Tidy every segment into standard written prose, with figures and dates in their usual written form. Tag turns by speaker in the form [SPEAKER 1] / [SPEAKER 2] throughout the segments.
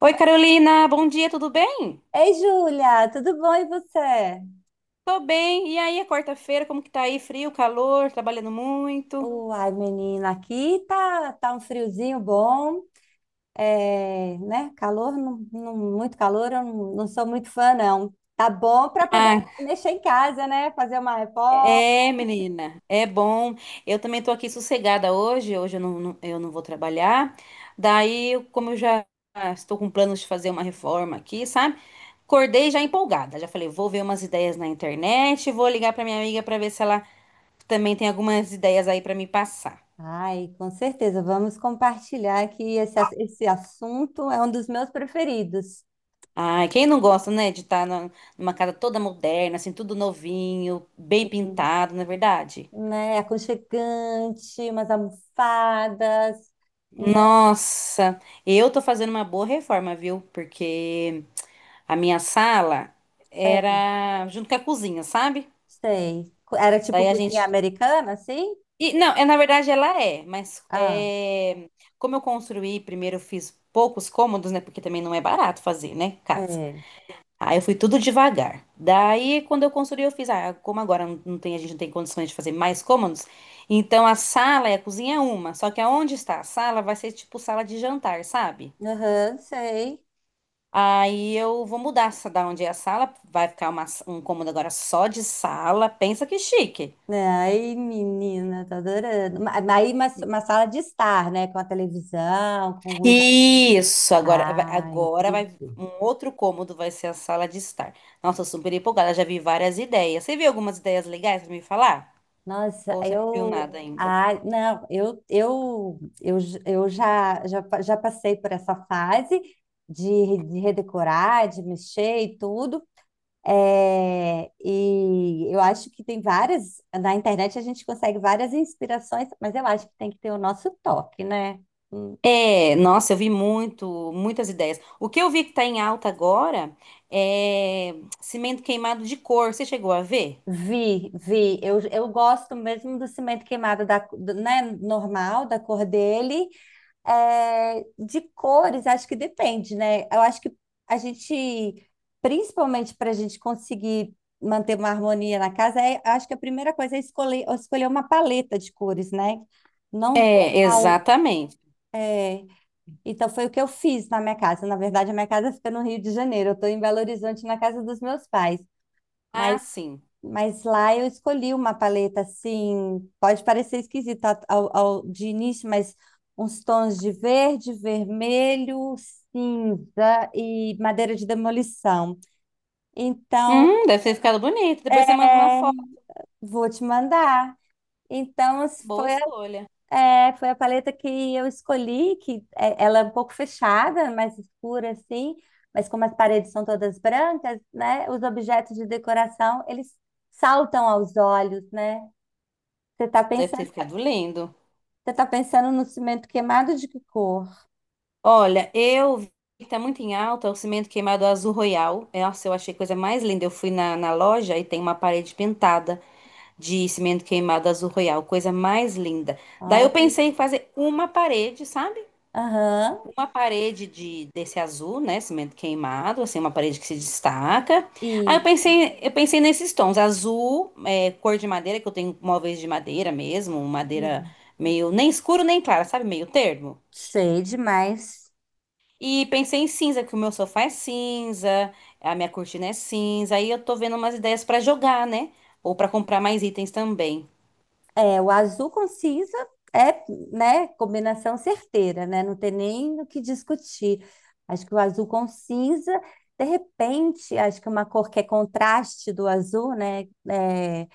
[SPEAKER 1] Oi, Carolina, bom dia, tudo bem?
[SPEAKER 2] Ei, Júlia, tudo bom e você?
[SPEAKER 1] Tô bem. E aí, é quarta-feira, como que tá aí? Frio, calor, trabalhando muito?
[SPEAKER 2] Uai, menina, aqui tá um friozinho bom, é, né? Calor, muito calor, eu não sou muito fã, não. Tá bom para poder
[SPEAKER 1] Ah,
[SPEAKER 2] mexer em casa, né? Fazer uma reforma.
[SPEAKER 1] é, menina, é bom. Eu também tô aqui sossegada hoje, hoje eu não vou trabalhar. Como eu já estou com planos de fazer uma reforma aqui, sabe? Acordei já empolgada, já falei, vou ver umas ideias na internet, vou ligar pra minha amiga pra ver se ela também tem algumas ideias aí pra me passar.
[SPEAKER 2] Ai, com certeza, vamos compartilhar que esse assunto é um dos meus preferidos,
[SPEAKER 1] Ai, quem não gosta, né, de estar numa casa toda moderna, assim, tudo novinho, bem pintado, não é verdade?
[SPEAKER 2] né? É aconchegante, umas almofadas, né?
[SPEAKER 1] Nossa, eu tô fazendo uma boa reforma, viu? Porque a minha sala
[SPEAKER 2] É.
[SPEAKER 1] era junto com a cozinha, sabe?
[SPEAKER 2] Sei. Era tipo
[SPEAKER 1] Daí a
[SPEAKER 2] cozinha
[SPEAKER 1] gente.
[SPEAKER 2] americana, assim?
[SPEAKER 1] E, não, é, na verdade ela é, mas
[SPEAKER 2] Ah,
[SPEAKER 1] é, como eu construí, primeiro eu fiz poucos cômodos, né? Porque também não é barato fazer, né? Casa.
[SPEAKER 2] é.
[SPEAKER 1] Aí eu fui tudo devagar. Daí, quando eu construí, eu fiz, ah, como agora não tem, a gente não tem condições de fazer mais cômodos, então a sala e a cozinha é uma, só que aonde está a sala vai ser tipo sala de jantar, sabe?
[SPEAKER 2] Aham, sei.
[SPEAKER 1] Aí eu vou mudar essa da onde é a sala, vai ficar uma, um cômodo agora só de sala, pensa que chique.
[SPEAKER 2] Né? Ai, menina, tô adorando. Aí uma sala de estar, né? Com a televisão, com um lugar.
[SPEAKER 1] Isso, agora,
[SPEAKER 2] Ah,
[SPEAKER 1] agora vai,
[SPEAKER 2] entendi.
[SPEAKER 1] um outro cômodo vai ser a sala de estar. Nossa, eu super empolgada, já vi várias ideias. Você viu algumas ideias legais pra me falar?
[SPEAKER 2] Nossa,
[SPEAKER 1] Ou você não viu
[SPEAKER 2] eu.
[SPEAKER 1] nada ainda?
[SPEAKER 2] Ah, não, eu já passei por essa fase de redecorar, de mexer e tudo. É, e eu acho que tem várias, na internet a gente consegue várias inspirações, mas eu acho que tem que ter o nosso toque, né? Hum.
[SPEAKER 1] É, nossa, eu vi muito, muitas ideias. O que eu vi que tá em alta agora é cimento queimado de cor. Você chegou a ver?
[SPEAKER 2] Vi, eu gosto mesmo do cimento queimado né, normal, da cor dele. É, de cores, acho que depende, né? Eu acho que a gente, principalmente para a gente conseguir manter uma harmonia na casa, é, acho que a primeira coisa é escolher uma paleta de cores, né? Não.
[SPEAKER 1] É, exatamente.
[SPEAKER 2] É, então foi o que eu fiz na minha casa. Na verdade, a minha casa fica no Rio de Janeiro. Eu estou em Belo Horizonte, na casa dos meus pais. Mas,
[SPEAKER 1] Ah, sim.
[SPEAKER 2] mas lá eu escolhi uma paleta assim, pode parecer esquisito de início, mas uns tons de verde, vermelho, cinza e madeira de demolição. Então,
[SPEAKER 1] Deve ter ficado bonito. Depois você manda uma
[SPEAKER 2] é,
[SPEAKER 1] foto.
[SPEAKER 2] vou te mandar. Então,
[SPEAKER 1] Boa
[SPEAKER 2] foi.
[SPEAKER 1] escolha.
[SPEAKER 2] É, foi a paleta que eu escolhi, ela é um pouco fechada, mais escura assim, mas como as paredes são todas brancas, né, os objetos de decoração, eles saltam aos olhos, né? Você tá
[SPEAKER 1] Deve
[SPEAKER 2] pensando,
[SPEAKER 1] ter ficado lindo.
[SPEAKER 2] você tá pensando no cimento queimado de que cor?
[SPEAKER 1] Olha, eu vi que tá muito em alta o cimento queimado azul royal. Nossa, eu achei a coisa mais linda. Eu fui na loja e tem uma parede pintada de cimento queimado azul royal. Coisa mais linda. Daí eu
[SPEAKER 2] Olha,
[SPEAKER 1] pensei em fazer uma parede, sabe?
[SPEAKER 2] aham,
[SPEAKER 1] Uma parede de, desse azul, né? Cimento queimado, assim, uma parede que se destaca. Aí eu
[SPEAKER 2] isso.
[SPEAKER 1] pensei, eu pensei nesses tons, azul, é, cor de madeira, que eu tenho móveis de madeira mesmo, madeira
[SPEAKER 2] Uhum.
[SPEAKER 1] meio nem escuro nem clara, sabe? Meio termo.
[SPEAKER 2] Sei demais.
[SPEAKER 1] E pensei em cinza, que o meu sofá é cinza, a minha cortina é cinza. Aí eu tô vendo umas ideias pra jogar, né? Ou pra comprar mais itens também.
[SPEAKER 2] É, o azul com cinza é, né, combinação certeira, né? Não tem nem o que discutir. Acho que o azul com cinza, de repente, acho que uma cor que é contraste do azul, né? É,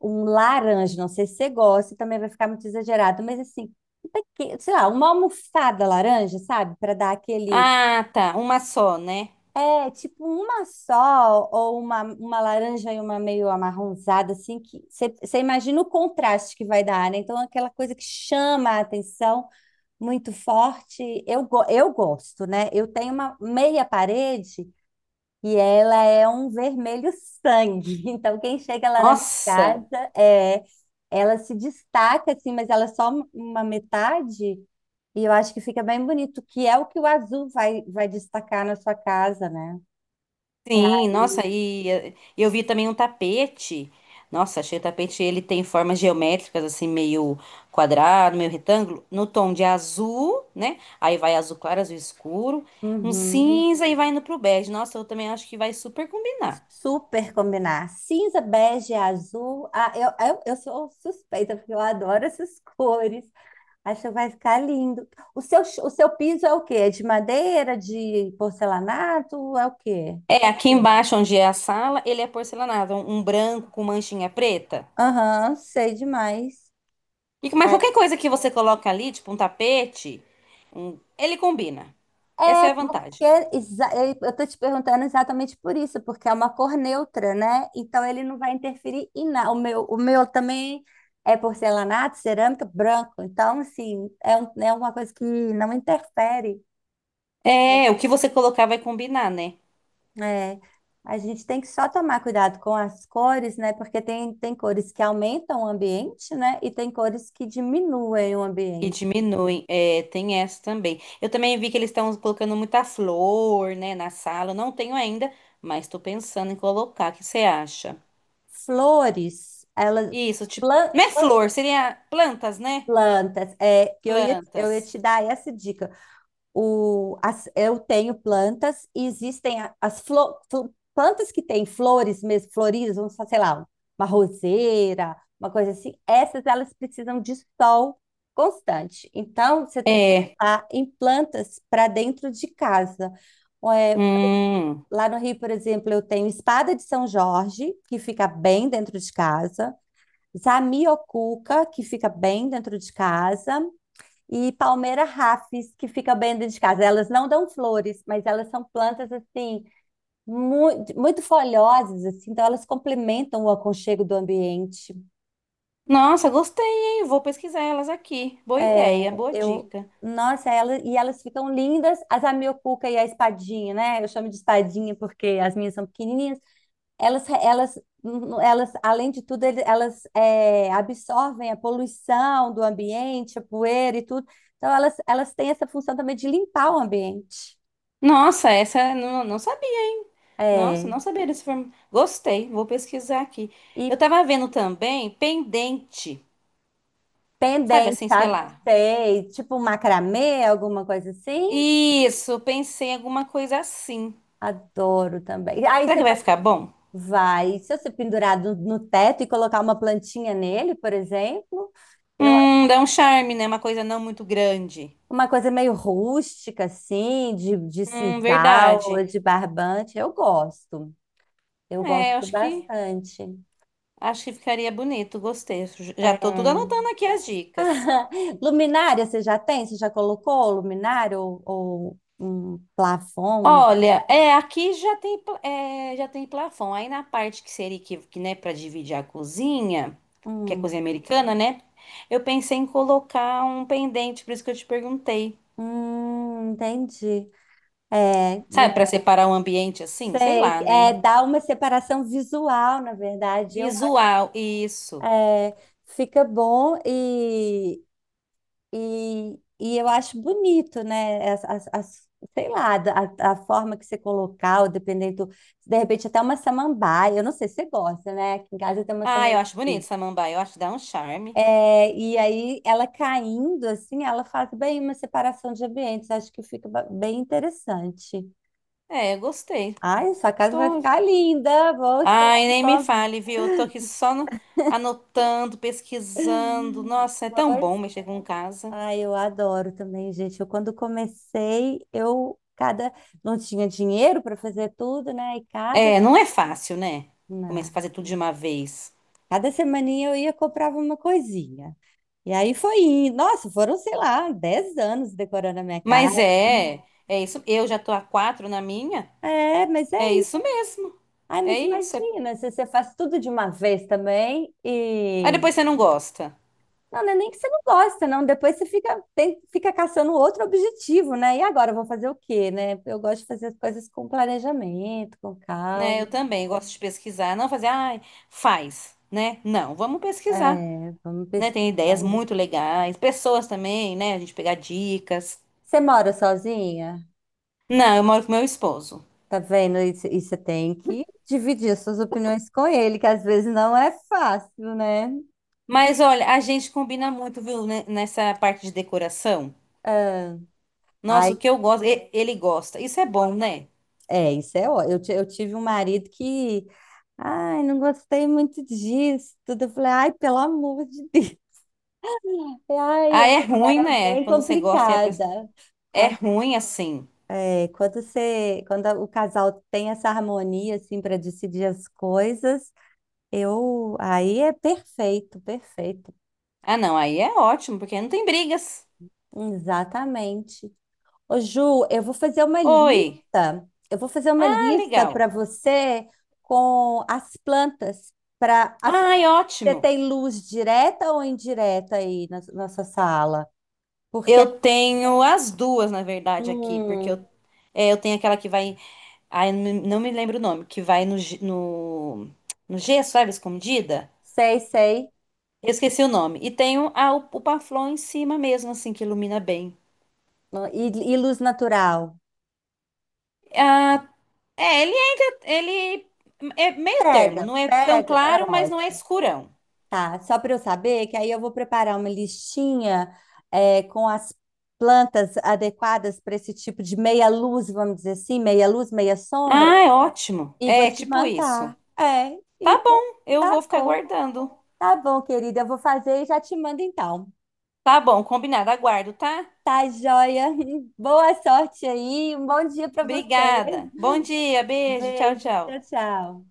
[SPEAKER 2] um laranja, não sei se você gosta, também vai ficar muito exagerado, mas assim, um pequeno, sei lá, uma almofada laranja, sabe? Para dar aquele
[SPEAKER 1] Ah, tá, uma só, né?
[SPEAKER 2] é tipo uma só, ou uma laranja e uma meio amarronzada, assim, que você imagina o contraste que vai dar, né? Então, aquela coisa que chama a atenção muito forte. Eu gosto, né? Eu tenho uma meia parede e ela é um vermelho sangue. Então, quem chega lá na minha
[SPEAKER 1] Nossa!
[SPEAKER 2] casa, é, ela se destaca, assim, mas ela é só uma metade. E eu acho que fica bem bonito, que é o que o azul vai destacar na sua casa, né? É
[SPEAKER 1] Sim, nossa,
[SPEAKER 2] aí.
[SPEAKER 1] e eu vi também um tapete. Nossa, achei o tapete, ele tem formas geométricas, assim, meio quadrado, meio retângulo, no tom de azul, né? Aí vai azul claro, azul escuro, um
[SPEAKER 2] Uhum.
[SPEAKER 1] cinza e vai indo pro bege. Nossa, eu também acho que vai super combinar.
[SPEAKER 2] Super combinar. Cinza, bege, azul. Ah, eu sou suspeita, porque eu adoro essas cores. Acho que vai ficar lindo. O seu piso é o quê? É de madeira, de porcelanato? É o quê?
[SPEAKER 1] É, aqui embaixo, onde é a sala, ele é porcelanado, um branco com manchinha preta.
[SPEAKER 2] Aham, sei demais.
[SPEAKER 1] Mas qualquer coisa que você coloca ali, tipo um tapete, ele combina. Essa
[SPEAKER 2] É
[SPEAKER 1] é a
[SPEAKER 2] porque
[SPEAKER 1] vantagem.
[SPEAKER 2] é, eu estou te perguntando exatamente por isso, porque é uma cor neutra, né? Então ele não vai interferir em nada. O meu também é porcelanato, cerâmica, branco. Então, assim, é, é uma coisa que não interfere.
[SPEAKER 1] É, o que você colocar vai combinar, né?
[SPEAKER 2] É, a gente tem que só tomar cuidado com as cores, né? Porque tem cores que aumentam o ambiente, né? E tem cores que diminuem o
[SPEAKER 1] E
[SPEAKER 2] ambiente.
[SPEAKER 1] diminuem. É, tem essa também. Eu também vi que eles estão colocando muita flor, né, na sala. Eu não tenho ainda, mas tô pensando em colocar. O que você acha?
[SPEAKER 2] Flores, elas.
[SPEAKER 1] Isso, tipo,
[SPEAKER 2] plan-
[SPEAKER 1] não é
[SPEAKER 2] plan-
[SPEAKER 1] flor, seria plantas, né?
[SPEAKER 2] Plantas, é que eu ia
[SPEAKER 1] Plantas.
[SPEAKER 2] te dar essa dica. Eu tenho plantas e existem plantas que têm flores mesmo, floridas, vamos falar, sei lá, uma roseira, uma coisa assim. Essas elas precisam de sol constante. Então, você tem que
[SPEAKER 1] É.
[SPEAKER 2] pensar em plantas para dentro de casa. É,
[SPEAKER 1] Hum.
[SPEAKER 2] lá no Rio, por exemplo, eu tenho espada de São Jorge, que fica bem dentro de casa. Zamioculca, que fica bem dentro de casa, e palmeira rafis, que fica bem dentro de casa. Elas não dão flores, mas elas são plantas assim muito, muito folhosas, assim, então elas complementam o aconchego do ambiente.
[SPEAKER 1] Nossa, gostei, hein? Vou pesquisar elas aqui. Boa
[SPEAKER 2] É,
[SPEAKER 1] ideia, boa
[SPEAKER 2] eu,
[SPEAKER 1] dica.
[SPEAKER 2] nossa, elas, e elas ficam lindas, as a miocuca e a espadinha, né? Eu chamo de espadinha porque as minhas são pequenininhas. Elas, elas, elas, além de tudo, elas é, absorvem a poluição do ambiente, a poeira e tudo. Então elas têm essa função também de limpar o ambiente.
[SPEAKER 1] Nossa, essa eu não sabia, hein? Nossa,
[SPEAKER 2] É.
[SPEAKER 1] não sabia desse form... Gostei, vou pesquisar aqui. Eu
[SPEAKER 2] E
[SPEAKER 1] tava vendo também pendente. Sabe
[SPEAKER 2] pendente,
[SPEAKER 1] assim, sei
[SPEAKER 2] sabe?
[SPEAKER 1] lá.
[SPEAKER 2] Sei, tipo macramê, alguma coisa assim.
[SPEAKER 1] Isso, pensei em alguma coisa assim.
[SPEAKER 2] Adoro também. Aí
[SPEAKER 1] Será
[SPEAKER 2] você
[SPEAKER 1] que vai
[SPEAKER 2] pode.
[SPEAKER 1] ficar bom?
[SPEAKER 2] Vai, se você pendurar no teto e colocar uma plantinha nele, por exemplo, eu acho
[SPEAKER 1] Dá um charme, né? Uma coisa não muito grande.
[SPEAKER 2] uma coisa meio rústica, assim, de sisal,
[SPEAKER 1] Verdade.
[SPEAKER 2] ou de barbante, eu gosto. Eu
[SPEAKER 1] É, eu
[SPEAKER 2] gosto bastante.
[SPEAKER 1] acho que ficaria bonito. Gostei. Já tô tudo anotando aqui as dicas.
[SPEAKER 2] Luminária, você já tem? Você já colocou luminária ou, um plafon?
[SPEAKER 1] Olha, é, aqui já tem já tem plafon. Aí na parte que seria que né, para dividir a cozinha, que é
[SPEAKER 2] Hum.
[SPEAKER 1] cozinha americana, né? Eu pensei em colocar um pendente, por isso que eu te perguntei.
[SPEAKER 2] Entendi. É,
[SPEAKER 1] Sabe,
[SPEAKER 2] de-
[SPEAKER 1] para separar o ambiente assim, sei
[SPEAKER 2] sei.
[SPEAKER 1] lá,
[SPEAKER 2] É,
[SPEAKER 1] né?
[SPEAKER 2] dá uma separação visual, na verdade. Eu,
[SPEAKER 1] Visual, isso.
[SPEAKER 2] é, fica bom e eu acho bonito, né? Sei lá, a forma que você colocar, ou dependendo, de repente até uma samambaia. Eu não sei se você gosta, né? Aqui em casa tem uma
[SPEAKER 1] Ah, eu
[SPEAKER 2] samambaia.
[SPEAKER 1] acho bonito samambaia, eu acho que dá um charme.
[SPEAKER 2] É, e aí ela caindo assim, ela faz bem uma separação de ambientes. Acho que fica bem interessante.
[SPEAKER 1] É, eu gostei.
[SPEAKER 2] Ai, sua casa vai
[SPEAKER 1] Estou.
[SPEAKER 2] ficar linda. Vou esperar
[SPEAKER 1] Ai,
[SPEAKER 2] um
[SPEAKER 1] nem me
[SPEAKER 2] pouco.
[SPEAKER 1] fale, viu? Eu tô aqui só no- anotando, pesquisando. Nossa, é tão bom
[SPEAKER 2] Pois.
[SPEAKER 1] mexer com casa.
[SPEAKER 2] Ai, eu adoro também, gente. Eu quando comecei, eu cada não tinha dinheiro para fazer tudo, né? E cada
[SPEAKER 1] É, não é fácil, né? Começa a
[SPEAKER 2] não,
[SPEAKER 1] fazer tudo de uma vez.
[SPEAKER 2] cada semaninha eu ia comprava uma coisinha. E aí foi indo. Nossa, foram, sei lá, 10 anos decorando a minha casa.
[SPEAKER 1] Mas é, é isso. Eu já tô a quatro na minha.
[SPEAKER 2] É, mas é
[SPEAKER 1] É
[SPEAKER 2] isso.
[SPEAKER 1] isso mesmo.
[SPEAKER 2] Ai,
[SPEAKER 1] É
[SPEAKER 2] mas
[SPEAKER 1] isso. É-
[SPEAKER 2] imagina, se você faz tudo de uma vez também
[SPEAKER 1] Aí
[SPEAKER 2] e.
[SPEAKER 1] depois você não gosta,
[SPEAKER 2] Não, não é nem que você não gosta, não. Depois você fica, fica caçando outro objetivo, né? E agora eu vou fazer o quê, né? Eu gosto de fazer as coisas com planejamento, com
[SPEAKER 1] né? Eu
[SPEAKER 2] calma.
[SPEAKER 1] também gosto de pesquisar, não fazer, ai, faz, né? Não, vamos pesquisar.
[SPEAKER 2] É, vamos
[SPEAKER 1] Né?
[SPEAKER 2] pesquisar.
[SPEAKER 1] Tem ideias muito legais, pessoas também, né? A gente pegar dicas.
[SPEAKER 2] Você mora sozinha?
[SPEAKER 1] Não, eu moro com meu esposo.
[SPEAKER 2] Tá vendo? E você tem que dividir as suas opiniões com ele, que às vezes não é fácil, né?
[SPEAKER 1] Mas olha, a gente combina muito, viu, né, nessa parte de decoração.
[SPEAKER 2] Ah,
[SPEAKER 1] Nossa,
[SPEAKER 2] ai,
[SPEAKER 1] o que ele gosta. Isso é bom, né?
[SPEAKER 2] é, isso é ó. Eu tive um marido que, ai, não gostei muito disso, tudo. Eu falei, ai, pelo amor de Deus.
[SPEAKER 1] Ah,
[SPEAKER 2] Ai,
[SPEAKER 1] é ruim, né?
[SPEAKER 2] bem
[SPEAKER 1] Quando você gosta e a pessoa...
[SPEAKER 2] complicada.
[SPEAKER 1] é
[SPEAKER 2] Quando,
[SPEAKER 1] ruim assim.
[SPEAKER 2] é, quando o casal tem essa harmonia assim para decidir as coisas, eu aí é perfeito, perfeito.
[SPEAKER 1] Ah, não, aí é ótimo, porque não tem brigas.
[SPEAKER 2] Exatamente. Ô, Ju, eu vou fazer uma
[SPEAKER 1] Oi.
[SPEAKER 2] lista. Eu vou fazer uma
[SPEAKER 1] Ah,
[SPEAKER 2] lista
[SPEAKER 1] legal.
[SPEAKER 2] para você com as plantas para.
[SPEAKER 1] Ai,
[SPEAKER 2] Você
[SPEAKER 1] ótimo.
[SPEAKER 2] tem luz direta ou indireta aí na nossa sala? Porque
[SPEAKER 1] Eu tenho as duas, na verdade, aqui, porque
[SPEAKER 2] hum,
[SPEAKER 1] eu tenho aquela que vai. Ai, não me lembro o nome, que vai no gesso, sabe, escondida?
[SPEAKER 2] sei, sei.
[SPEAKER 1] Eu esqueci o nome. E tenho o Paflon em cima mesmo, assim, que ilumina bem.
[SPEAKER 2] E luz natural.
[SPEAKER 1] Ah, é, ele entra. Ele é meio termo,
[SPEAKER 2] Pega,
[SPEAKER 1] não é tão
[SPEAKER 2] pega, é
[SPEAKER 1] claro, mas não é
[SPEAKER 2] ótimo.
[SPEAKER 1] escurão.
[SPEAKER 2] Tá, só para eu saber que aí eu vou preparar uma listinha é, com as plantas adequadas para esse tipo de meia luz, vamos dizer assim, meia luz, meia sombra,
[SPEAKER 1] Ah, é ótimo.
[SPEAKER 2] e vou
[SPEAKER 1] É
[SPEAKER 2] te
[SPEAKER 1] tipo isso.
[SPEAKER 2] mandar. É,
[SPEAKER 1] Tá
[SPEAKER 2] então,
[SPEAKER 1] bom, eu
[SPEAKER 2] tá
[SPEAKER 1] vou ficar
[SPEAKER 2] bom,
[SPEAKER 1] aguardando.
[SPEAKER 2] tá bom, querida, eu vou fazer e já te mando então.
[SPEAKER 1] Tá bom, combinado, aguardo, tá?
[SPEAKER 2] Tá, joia? Boa sorte aí, um bom dia para você.
[SPEAKER 1] Obrigada. Bom dia, beijo, tchau,
[SPEAKER 2] Beijo,
[SPEAKER 1] tchau.
[SPEAKER 2] tchau, tchau.